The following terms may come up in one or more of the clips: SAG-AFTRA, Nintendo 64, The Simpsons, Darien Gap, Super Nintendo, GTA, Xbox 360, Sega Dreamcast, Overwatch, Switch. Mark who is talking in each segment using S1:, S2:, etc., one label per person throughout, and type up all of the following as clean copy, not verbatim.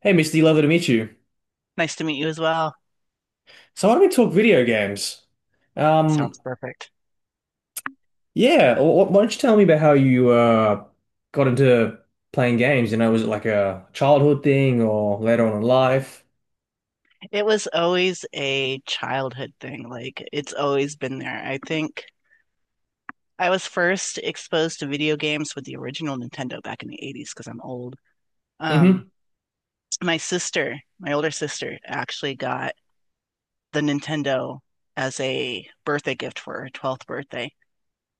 S1: Hey, Mr. D, lovely to meet you.
S2: Nice to meet you as well.
S1: So, why don't we talk video games? Um,
S2: Sounds perfect.
S1: yeah, why don't you tell me about how you got into playing games? You know, was it like a childhood thing or later on in life?
S2: It was always a childhood thing. Like, it's always been there. I think I was first exposed to video games with the original Nintendo back in the 80s because I'm old. Um,
S1: Mm-hmm.
S2: my sister, my older sister, actually got the Nintendo as a birthday gift for her 12th birthday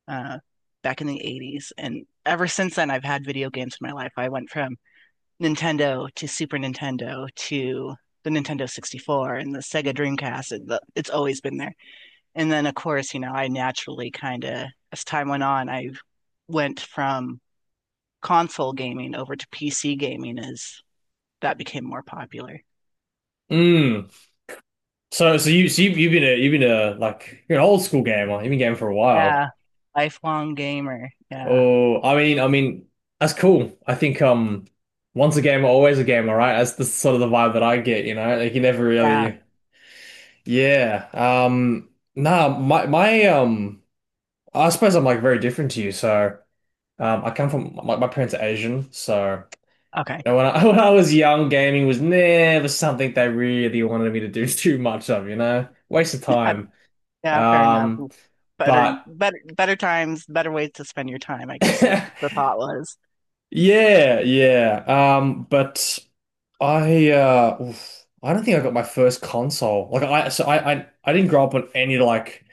S2: uh, back in the 80s. And ever since then, I've had video games in my life. I went from Nintendo to Super Nintendo to the Nintendo 64 and the Sega Dreamcast. It's always been there. And then, of course, you know, I naturally kind of, as time went on, I went from console gaming over to PC gaming as that became more popular.
S1: Mm. So you've been a like you're an old school gamer. You've been gaming for a while.
S2: Yeah. Lifelong gamer. Yeah.
S1: Oh, that's cool. I think once a gamer, always a gamer, right? That's the sort of the vibe that I get. You know, like you never
S2: Yeah.
S1: really. Yeah. Nah, my I suppose I'm like very different to you. So I come from my parents are Asian, so
S2: Okay.
S1: and when I when I was young, gaming was never something they really wanted me to do too much of, you know? Waste of time.
S2: Yeah, fair enough.
S1: Um
S2: Better,
S1: but
S2: better, better times, better ways to spend your time, I guess it,
S1: yeah,
S2: the thought was.
S1: yeah. But I don't think I got my first console. Like I so I didn't grow up on any like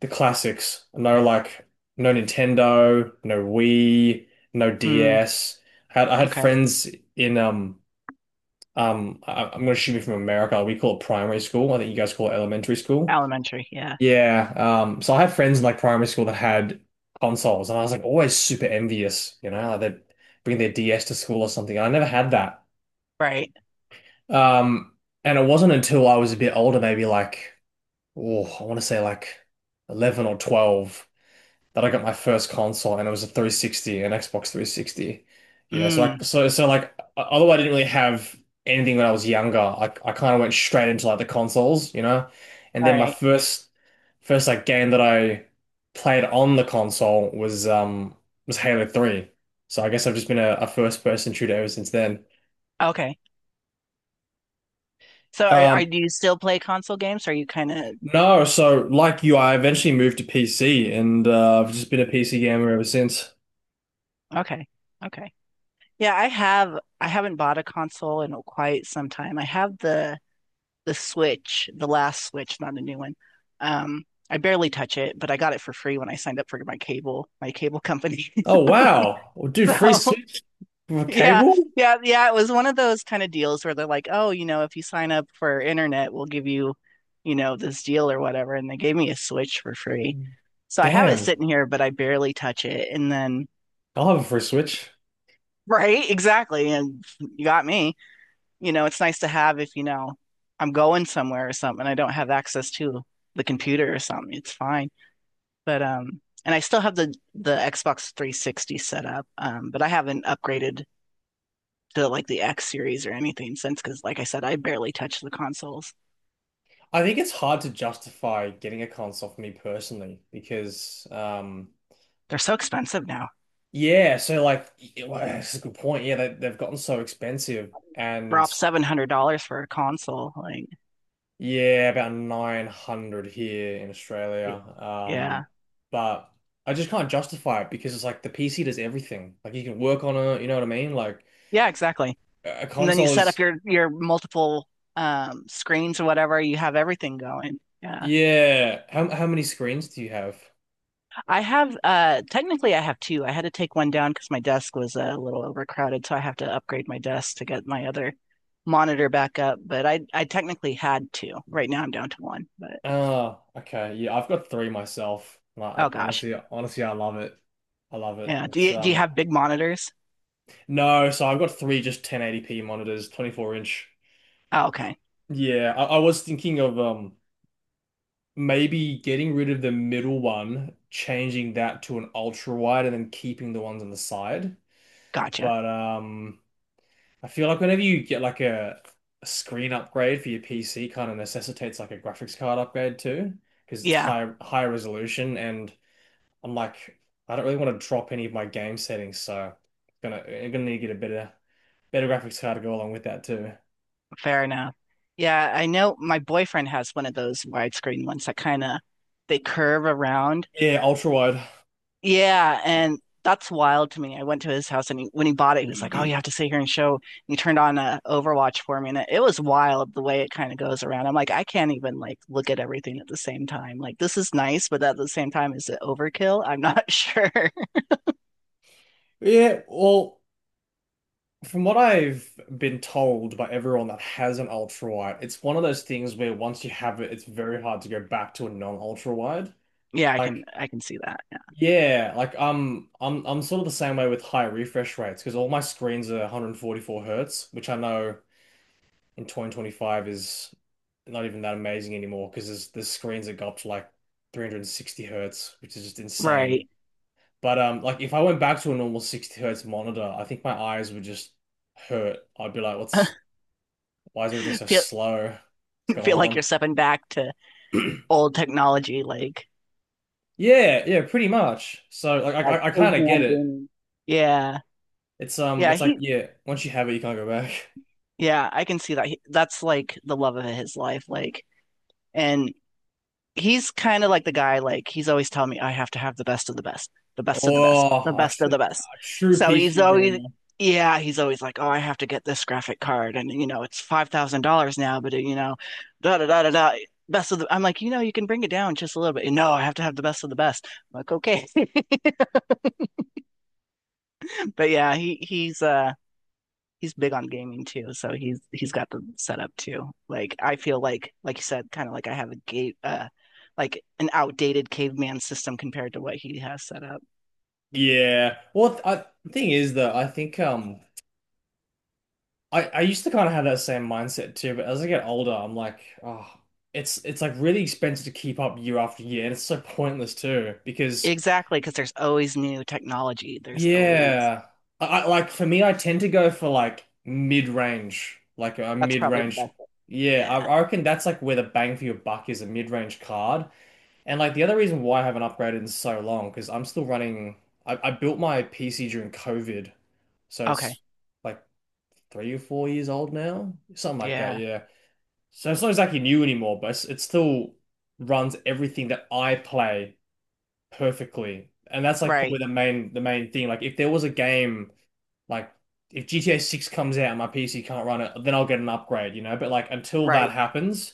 S1: the classics. No like no Nintendo, no Wii, no
S2: Mm,
S1: DS. I had
S2: okay.
S1: friends in I'm gonna assume you're from America. We call it primary school. I think you guys call it elementary school.
S2: Elementary. Yeah.
S1: Yeah. So I had friends in like primary school that had consoles, and I was like always super envious. You know, like they'd bring their DS to school or something. I never had that.
S2: Right.
S1: Um. And it wasn't until I was a bit older, maybe like oh, I want to say like 11 or 12 that I got my first console, and it was a 360, an Xbox 360. You know, so
S2: Mm.
S1: although I didn't really have anything when I was younger, I kind of went straight into like the consoles, you know. And
S2: All
S1: then my
S2: right.
S1: first first like game that I played on the console was Halo 3. So I guess I've just been a first person shooter ever since then.
S2: Okay. So are
S1: Um
S2: do you still play console games? Are you kind of
S1: no, so like you, I eventually moved to PC and I've just been a PC gamer ever since.
S2: okay. Okay. Yeah, I haven't bought a console in quite some time. I have the Switch, the last Switch, not a new one. I barely touch it, but I got it for free when I signed up for my cable company.
S1: Oh wow. Well, dude, free
S2: So
S1: Switch with a
S2: Yeah,
S1: cable?
S2: yeah. It was one of those kind of deals where they're like, oh, you know, if you sign up for internet, we'll give you, you know, this deal or whatever. And they gave me a Switch for free. So I have it
S1: Damn.
S2: sitting here, but I barely touch it. And then,
S1: I'll have a free Switch.
S2: right, exactly. And you got me. You know, it's nice to have if, you know, I'm going somewhere or something. I don't have access to the computer or something. It's fine. But, and I still have the Xbox 360 set up, but I haven't upgraded to like the X series or anything since, because like I said, I barely touch the consoles.
S1: I think it's hard to justify getting a console for me personally because
S2: They're so expensive now.
S1: yeah, so well, that's a good point. Yeah, they've gotten so expensive, and
S2: Drop $700 for a console. Like,
S1: yeah, about 900 here in Australia.
S2: y-
S1: Um
S2: yeah.
S1: but I just can't justify it because it's like the PC does everything. Like you can work on it, you know what I mean? Like
S2: Yeah, exactly.
S1: a
S2: And then you
S1: console
S2: set up
S1: is
S2: your multiple screens or whatever, you have everything going. Yeah.
S1: yeah. How many screens do you have?
S2: I have technically I have two. I had to take one down because my desk was a little overcrowded, so I have to upgrade my desk to get my other monitor back up. But I technically had two. Right now I'm down to one. But
S1: Oh, okay. Yeah, I've got three myself. Like,
S2: oh gosh.
S1: honestly, I love it. I love it.
S2: Yeah. Do
S1: It's
S2: you do you have big monitors?
S1: no, so I've got three just 1080p monitors, 24 inch.
S2: Oh, okay.
S1: Yeah, I was thinking of maybe getting rid of the middle one, changing that to an ultra wide, and then keeping the ones on the side.
S2: Gotcha.
S1: But I feel like whenever you get like a screen upgrade for your PC, kind of necessitates like a graphics card upgrade too, because it's
S2: Yeah,
S1: higher resolution and I'm like, I don't really want to drop any of my game settings, so gonna I'm gonna need to get a better graphics card to go along with that too.
S2: fair enough. Yeah, I know my boyfriend has one of those widescreen ones that kind of they curve around.
S1: Yeah, ultra wide.
S2: Yeah, and that's wild to me. I went to his house and when he bought it, he was like, "Oh, you have to sit here and show." And he turned on Overwatch for me, and it was wild the way it kind of goes around. I'm like, I can't even like look at everything at the same time. Like this is nice, but at the same time, is it overkill? I'm not sure.
S1: Yeah, well, from what I've been told by everyone that has an ultra wide, it's one of those things where once you have it, it's very hard to go back to a non-ultra wide.
S2: Yeah, I
S1: Like,
S2: can I can see that.
S1: yeah, like I'm sort of the same way with high refresh rates because all my screens are 144 hertz, which I know in 2025 is not even that amazing anymore because there's the screens that go up to like 360 hertz, which is just insane.
S2: Right.
S1: But like if I went back to a normal 60 hertz monitor, I think my eyes would just hurt. I'd be like, what's why is everything so slow? What's going
S2: Feel like
S1: on?
S2: you're stepping back to old technology. Like,
S1: Yeah, yeah, pretty much. So like I kind of get
S2: caveman
S1: it.
S2: gaming. yeah,
S1: It's
S2: yeah,
S1: like yeah, once you have it, you can't go back.
S2: I can see that. He, that's like the love of his life. Like, and he's kind of like the guy. Like, he's always telling me I have to have the best of the best of the
S1: Oh,
S2: best of the best.
S1: a true
S2: So he's
S1: PC
S2: always.
S1: gamer.
S2: Yeah, he's always like, "Oh, I have to get this graphic card, and you know it's $5,000 now." But you know, da da da da da best of the I'm like, you know, you can bring it down just a little bit. No, I have to have the best of the best. I'm like, okay. But yeah, he's he's big on gaming too, so he's got the setup too. Like I feel like you said, kind of like I have a gate like an outdated caveman system compared to what he has set up.
S1: Yeah. Well, the thing is that I think I used to kind of have that same mindset too, but as I get older, I'm like, oh, it's like really expensive to keep up year after year, and it's so pointless too because
S2: Exactly, because there's always new technology. There's always
S1: yeah, I like for me, I tend to go for like a
S2: that's probably the
S1: mid-range.
S2: best. Way.
S1: Yeah,
S2: Yeah.
S1: I reckon that's like where the bang for your buck is a mid-range card, and like the other reason why I haven't upgraded in so long because I'm still running. I built my PC during COVID, so
S2: Okay.
S1: it's like 3 or 4 years old now, something like that.
S2: Yeah.
S1: Yeah. So it's not exactly new anymore, but it still runs everything that I play perfectly. And that's like probably
S2: Right.
S1: the main thing. Like if there was a game like if GTA 6 comes out and my PC can't run it, then I'll get an upgrade, you know? But like until that
S2: Right.
S1: happens,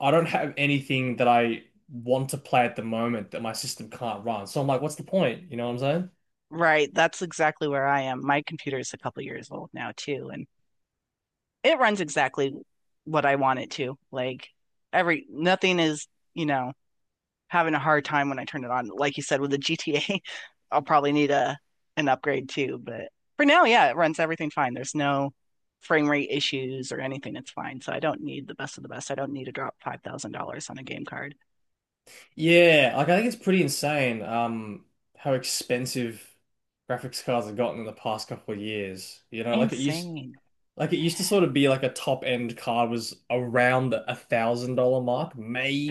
S1: I don't have anything that I want to play at the moment that my system can't run. So I'm like, what's the point? You know what I'm saying?
S2: Right. That's exactly where I am. My computer is a couple years old now too, and it runs exactly what I want it to. Like every nothing is, you know, having a hard time when I turn it on. Like you said, with the GTA, I'll probably need a an upgrade too. But for now, yeah, it runs everything fine. There's no frame rate issues or anything. It's fine. So I don't need the best of the best. I don't need to drop $5,000 on a game card.
S1: Yeah, like I think it's pretty insane how expensive graphics cards have gotten in the past couple of years. You know,
S2: Insane.
S1: like it used to sort of be like a top end card was around the $1,000 mark,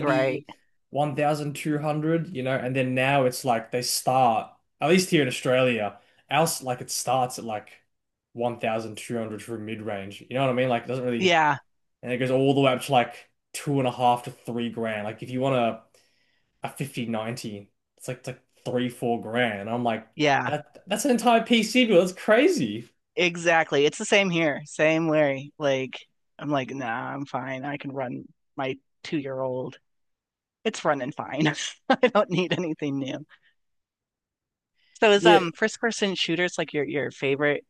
S2: Right.
S1: 1,200, you know, and then now it's like at least here in Australia, like it starts at like 1,200 for mid range. You know what I mean? Like it doesn't really,
S2: Yeah.
S1: and it goes all the way up to like two and a half to 3 grand. Like if you want a 5090, it's like three, 4 grand. And I'm like,
S2: Yeah.
S1: that's an entire PC bill. That's crazy.
S2: Exactly. It's the same here. Same worry. Like I'm like, nah, I'm fine. I can run my 2 year old. It's running fine. I don't need anything new. So is
S1: Yeah.
S2: first person shooters like your favorite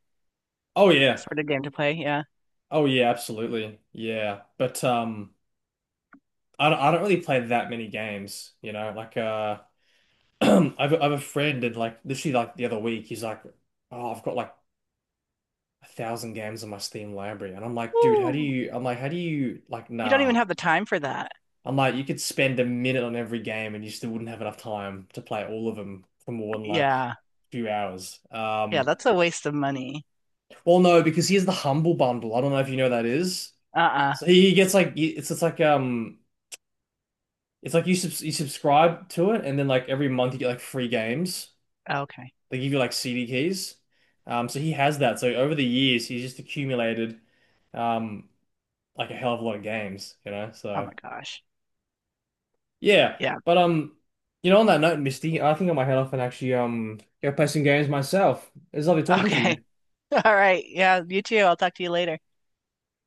S1: Oh yeah.
S2: sort of game to play. Yeah.
S1: Oh yeah, absolutely. Yeah. But I don't really play that many games, you know. Like I've a friend, and like literally like the other week he's like, "Oh, I've got like a thousand games in my Steam library." And I'm like, "Dude, how do
S2: Woo.
S1: you I'm like, how do you like
S2: You don't even
S1: nah."
S2: have the time for that.
S1: I'm like, "You could spend a minute on every game and you still wouldn't have enough time to play all of them for more than like a
S2: Yeah.
S1: few hours."
S2: Yeah, that's a waste of money.
S1: Well no, because he has the Humble Bundle. I don't know if you know what that is.
S2: Uh-uh.
S1: So he gets like it's like it's like you subscribe to it, and then like every month you get like free games.
S2: Okay.
S1: They give you like CD keys. So he has that. So over the years, he's just accumulated um like a hell of a lot of games, you know.
S2: Oh
S1: So
S2: my gosh.
S1: yeah,
S2: Yeah.
S1: but you know, on that note, Misty, I think I might head off and actually go play some games myself. It's lovely talking to you.
S2: Okay. All right. Yeah, you too. I'll talk to you later.